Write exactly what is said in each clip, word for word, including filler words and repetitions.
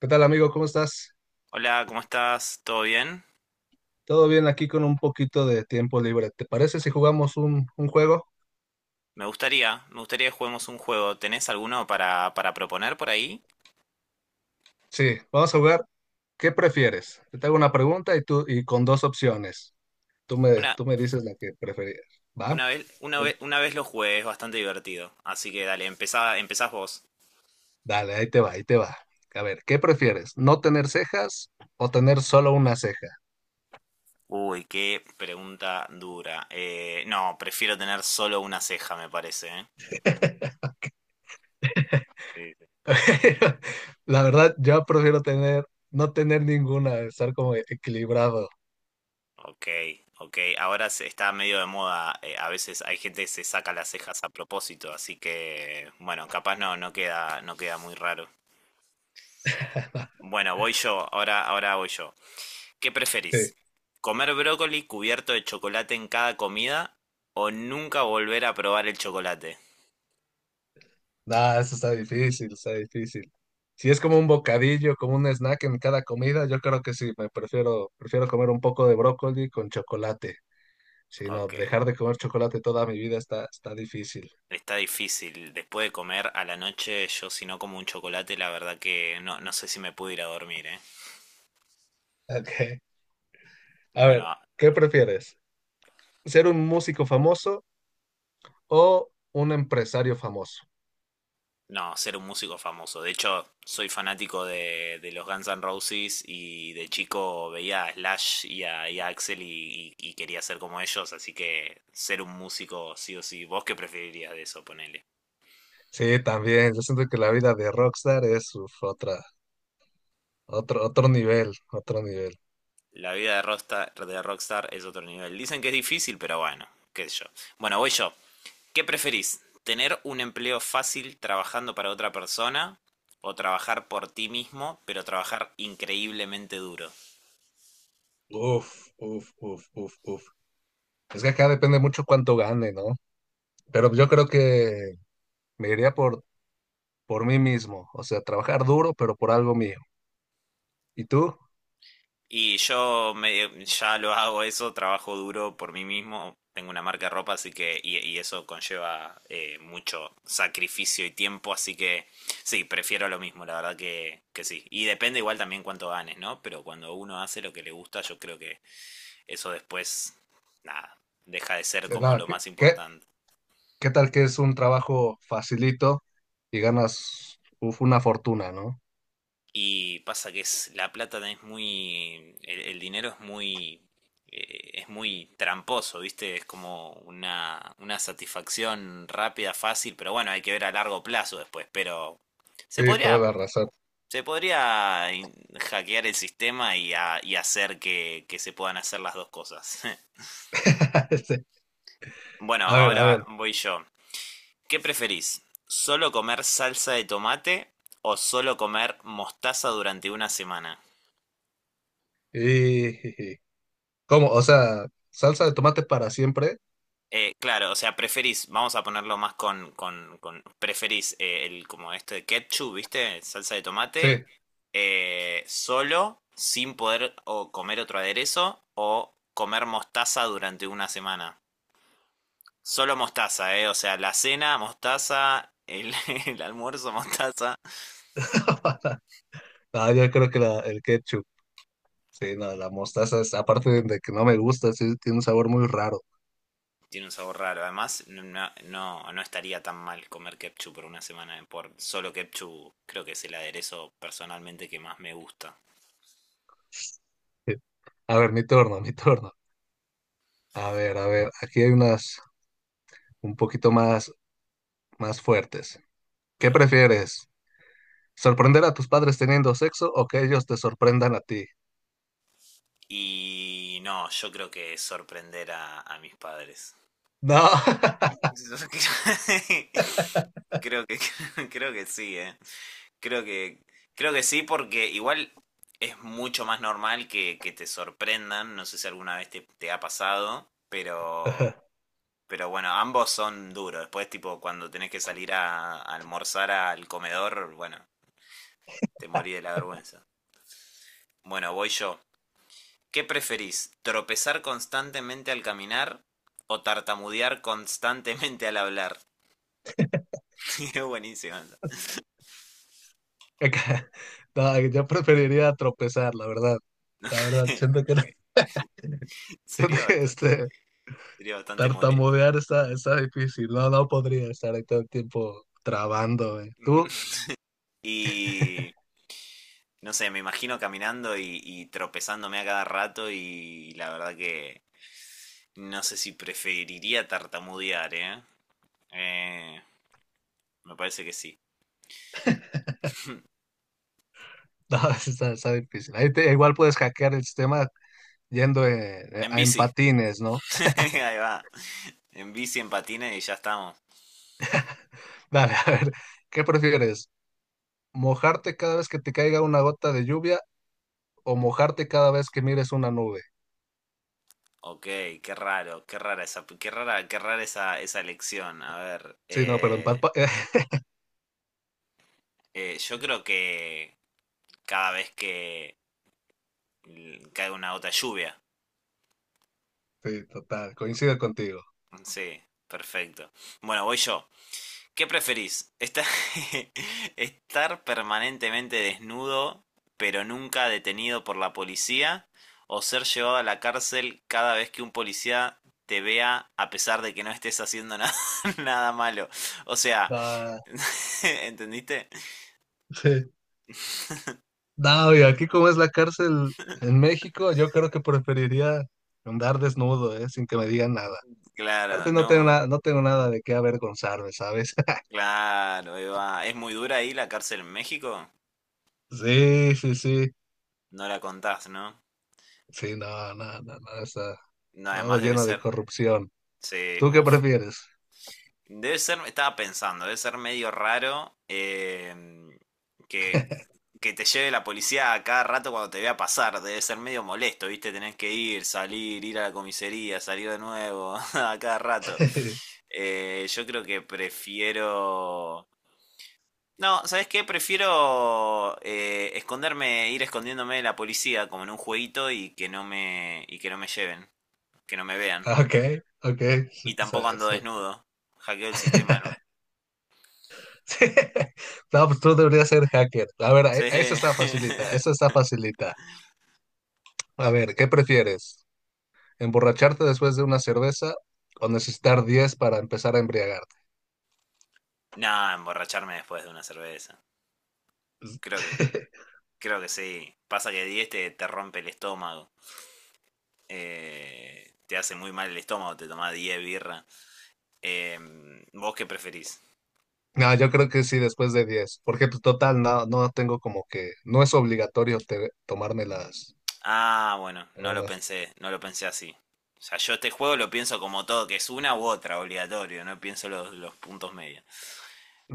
¿Qué tal, amigo? ¿Cómo estás? Hola, ¿cómo estás? ¿Todo bien? ¿Todo bien aquí con un poquito de tiempo libre? ¿Te parece si jugamos un, un juego? Me gustaría, me gustaría que juguemos un juego. ¿Tenés alguno para, para proponer por ahí? Sí, vamos a jugar. ¿Qué prefieres? Yo te hago una pregunta y tú y con dos opciones. Tú me, Una, tú me dices la que preferías. ¿Va? una vez, una vez, Pues, una vez lo jugué, es bastante divertido. Así que dale, empezá, empezás vos. dale, ahí te va, ahí te va. A ver, ¿qué prefieres? ¿No tener cejas o tener solo una ceja? Uy, qué pregunta dura. Eh, no, prefiero tener solo una ceja, me parece, ¿eh? Sí, sí. La verdad, yo prefiero tener, no tener ninguna, estar como equilibrado. Ok, ok. Ahora se está medio de moda. Eh, a veces hay gente que se saca las cejas a propósito, así que, bueno, capaz no, no queda, no queda muy raro. Bueno, voy yo, ahora, ahora voy yo. ¿Qué Sí. preferís? ¿Comer brócoli cubierto de chocolate en cada comida o nunca volver a probar el chocolate? No, eso está difícil, está difícil. Si es como un bocadillo, como un snack en cada comida, yo creo que sí, me prefiero, prefiero comer un poco de brócoli con chocolate. Si no, Ok, dejar de comer chocolate toda mi vida está, está difícil. está difícil. Después de comer a la noche, yo si no como un chocolate, la verdad que no, no sé si me puedo ir a dormir, ¿eh? Ok. A ver, Bueno, ¿qué prefieres? ¿Ser un músico famoso o un empresario famoso? no, ser un músico famoso. De hecho, soy fanático de, de los Guns N' Roses y de chico veía a Slash y a, y a Axel y, y- y quería ser como ellos, así que ser un músico sí o sí. ¿Vos qué preferirías de eso, ponele? Sí, también. Yo siento que la vida de rockstar es uf, otra, otro, otro nivel, otro nivel. La vida de Rockstar, de Rockstar es otro nivel. Dicen que es difícil, pero bueno, qué sé yo. Bueno, voy yo. ¿Qué preferís? ¿Tener un empleo fácil trabajando para otra persona o trabajar por ti mismo, pero trabajar increíblemente duro? Uf, uf, uf, uf, uf. Es que acá depende mucho cuánto gane, ¿no? Pero yo creo que me iría por, por mí mismo, o sea, trabajar duro, pero por algo mío. ¿Y tú? O Y yo me- ya lo hago eso, trabajo duro por mí mismo, tengo una marca de ropa, así que, y, y eso conlleva eh, mucho sacrificio y tiempo, así que sí, prefiero lo mismo, la verdad que, que sí. Y depende igual también cuánto ganes, ¿no? Pero cuando uno hace lo que le gusta, yo creo que eso después, nada, deja de ser como nada, lo ¿qué, más qué, importante. qué tal que es un trabajo facilito y ganas uf, una fortuna, ¿no? Y pasa que es, la plata es muy, el, el dinero es muy, eh, es muy tramposo, ¿viste? Es como una, una satisfacción rápida, fácil, pero bueno, hay que ver a largo plazo después, pero se Sí, toda podría, la razón. se podría in- hackear el sistema y, a- y hacer que, que se puedan hacer las dos cosas. Sí. Bueno, A ver, a ahora ver. voy yo. ¿Qué preferís? ¿Solo comer salsa de tomate o solo comer mostaza durante una semana? Y, ¿cómo? O sea, salsa de tomate para siempre. Eh, claro, o sea, preferís, vamos a ponerlo más con, con, con- preferís eh, el como este de ketchup, ¿viste? Salsa de tomate, Sí. eh, solo, sin poder o comer otro aderezo, o comer mostaza durante una semana. Solo mostaza, ¿eh? O sea, la cena, mostaza, el, el almuerzo, mostaza. No, yo creo que la- el ketchup, sí, no, la mostaza, es- aparte de que no me gusta, sí, tiene un sabor muy raro. Tiene un sabor raro. Además, no, no, no no estaría tan mal comer ketchup por una semana. eh, Por solo ketchup, creo que es el aderezo personalmente que más me gusta. Sí. A ver, mi turno, mi turno. A ver, a ver, aquí hay unas un poquito más, más fuertes. ¿Qué prefieres? ¿Sorprender a tus padres teniendo sexo o que ellos te sorprendan a ti? Y no, yo creo que sorprender a, a mis padres. No, creo que creo que sí, eh. Creo que creo que sí porque igual es mucho más normal que, que te sorprendan, no sé si alguna vez te, te ha pasado, pero pero bueno, ambos son duros. Después tipo cuando tenés que salir a, a almorzar al comedor, bueno, te morí de la vergüenza. Bueno, voy yo. ¿Qué preferís? ¿Tropezar constantemente al caminar o tartamudear constantemente al hablar? Es buenísimo. Anda. acá- no, yo preferiría tropezar, la verdad. La verdad, siento que, no- Ok. siento Sería que, bastante, este, Sería bastante molesto. tartamudear está, está difícil. No, no podría estar ahí todo el tiempo trabando. eh. ¿Tú? Y no sé, me imagino caminando y, y tropezándome a cada rato y la verdad que no sé si preferiría tartamudear, ¿eh? Eh, Me parece que sí. No, está, está difícil. Ahí te- igual puedes hackear el sistema yendo eh, eh, En en bici. patines, ¿no? Ahí va. En bici, en patines y ya estamos. Dale, a ver, ¿qué prefieres? Mojarte cada vez que te caiga una gota de lluvia o mojarte cada vez que mires una nube. Ok, qué raro, qué rara esa, qué rara, qué rara esa, esa elección. A ver, Sí, no, pero eh, empalpa. eh, yo creo que cada vez que l- cae una gota de lluvia. Sí, total, coincido contigo. Sí, perfecto. Bueno, voy yo. ¿Qué preferís? ¿Estar, estar permanentemente desnudo, pero nunca detenido por la policía? ¿O ser llevado a la cárcel cada vez que un policía te vea a pesar de que no estés haciendo nada, nada malo? O sea, Ah, ¿entendiste? sí. No, y aquí como es la cárcel en México, yo creo que preferiría andar desnudo, ¿eh? Sin que me digan nada. Claro, Aparte no tengo no. nada, no tengo nada de qué avergonzarme, ¿sabes? Claro, Eva. ¿Es muy dura ahí la cárcel en México? Sí, sí, sí. No la contás, ¿no? Sí, no, no, no, no, está No, todo además debe lleno de ser... corrupción. Sí, ¿Tú qué uff. prefieres? Debe ser, estaba pensando, debe ser medio raro eh, que, que te lleve la policía a cada rato cuando te vea pasar. Debe ser medio molesto, ¿viste? Tenés que ir, salir, ir a la comisaría, salir de nuevo a cada rato. Eh, yo creo que prefiero... No, ¿sabes qué? Prefiero eh, esconderme, ir escondiéndome de la policía como en un jueguito y que no me, y que no me lleven, que no me vean. Ok, ok. Sí, Y sí, tampoco ando sí. desnudo. Hackeo el sistema de nuevo. Sí. No, pues tú deberías ser hacker. A ver, e- Sí. esa está facilita, esa está facilita. A ver, ¿qué prefieres? ¿Emborracharte después de una cerveza o necesitar diez para empezar a embriagarte? No, emborracharme después de una cerveza. Creo que, Creo que sí. Pasa que diez te, te rompe el estómago. Eh, te hace muy mal el estómago, te tomás diez birra. Eh, ¿Vos qué preferís? No, yo creo que sí, después de diez, porque pues total, no, no tengo como que, no es obligatorio te- tomarme las, Ah, bueno, no lo todas. pensé, no lo pensé así. O sea, yo este juego lo pienso como todo, que es una u otra, obligatorio, no pienso los, los puntos medios.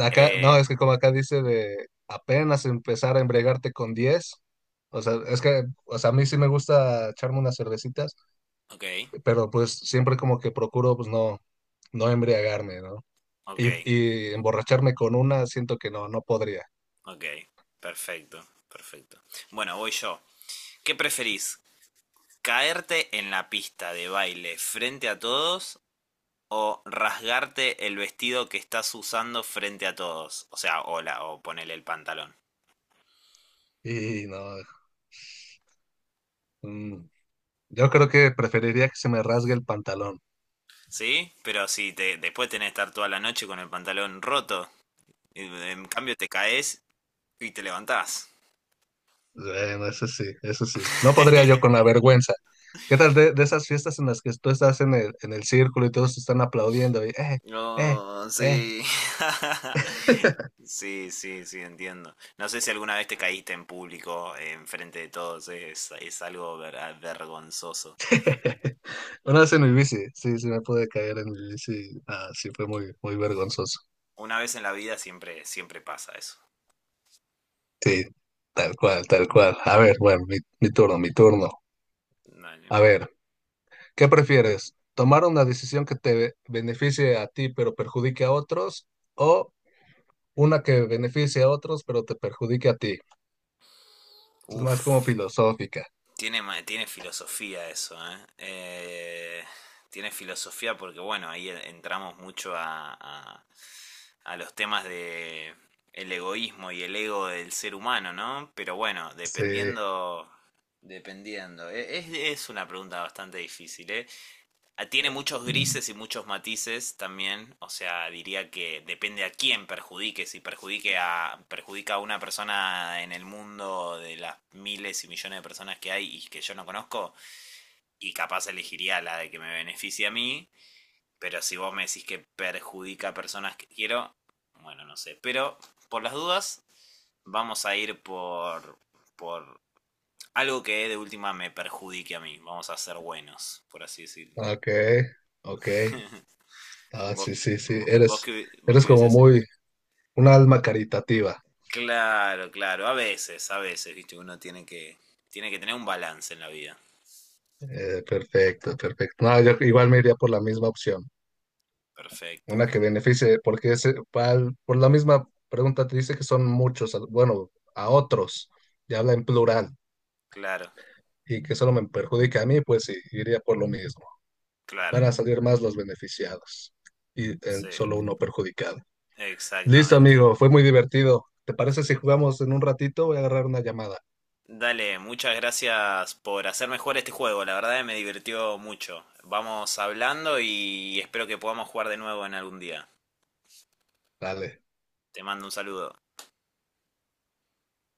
Acá, no, Eh, es que como acá dice de apenas empezar a embriagarte con diez, o sea, es que, o sea, a mí sí me gusta echarme unas cervecitas, ok, pero pues siempre como que procuro pues no, no embriagarme, ¿no? ok, Y, y emborracharme con una siento que no, no podría. ok, perfecto, perfecto. Bueno, voy yo. ¿Qué preferís? ¿Caerte en la pista de baile frente a todos o rasgarte el vestido que estás usando frente a todos? O sea, hola, o ponele el pantalón. Y no, mm, yo creo que preferiría que se me rasgue el pantalón. ¿Sí? Pero si te, después tenés que estar toda la noche con el pantalón roto, en cambio te caes y te levantás. Bueno, eso sí, eso sí. No podría yo con la vergüenza. ¿Qué tal de, de esas fiestas en las que tú estás en el, en el círculo y todos te están aplaudiendo? Y, eh, eh, Oh, eh. sí. Sí, sí, sí, entiendo. No sé si alguna vez te caíste en público, en frente de todos, es, es algo ver- vergonzoso. Una vez en mi bici, sí, sí me pude caer en mi bici. Ah, sí, fue muy, muy vergonzoso. Una vez en la vida siempre, siempre pasa eso. Sí, tal cual, tal cual. A ver, bueno, mi, mi turno, mi turno. Vale. A ver, ¿qué prefieres? ¿Tomar una decisión que te beneficie a ti pero perjudique a otros o una que beneficie a otros pero te perjudique a ti? Es más como Uf, filosófica. tiene, ma- tiene filosofía eso, ¿eh? Eh, Tiene filosofía porque, bueno, ahí e- entramos mucho a, a, a los temas de el egoísmo y el ego del ser humano, ¿no? Pero bueno, Sí, dependiendo, dependiendo. E- Es, es una pregunta bastante difícil, ¿eh? Ah, tiene muchos grises y muchos matices también, o sea, diría que depende a quién perjudique, si perjudique a, perjudica a una persona en el mundo de las miles y millones de personas que hay y que yo no conozco, y capaz elegiría la de que me beneficie a mí, pero si vos me decís que perjudica a personas que quiero, bueno, no sé, pero por las dudas vamos a ir por, por algo que de última me perjudique a mí, vamos a ser buenos, por así decirlo. ok, ok. Ah, Vos, sí, sí, sí. vos, vos Eres, que, hubi- vos que Eres como hubieses... muy un alma caritativa. Claro, claro, a veces, a veces, viste, uno tiene que, tiene que tener un balance en la vida. Eh, perfecto, perfecto. No, yo igual me iría por la misma opción. Perfecto, Una que beneficie, porque ese- pal- por la misma pregunta te dice que son muchos, a- bueno, a otros, y habla en plural, claro, y que solo me perjudica a mí, pues sí, iría por lo mismo. Van claro, a salir más los beneficiados y eh, sí, solo uno perjudicado. Listo, exactamente. amigo, fue muy divertido. ¿Te parece si jugamos en un ratito? Voy a agarrar una llamada. Dale, muchas gracias por hacerme jugar este juego, la verdad que me divirtió mucho. Vamos hablando y espero que podamos jugar de nuevo en algún día. Dale. Te mando un saludo.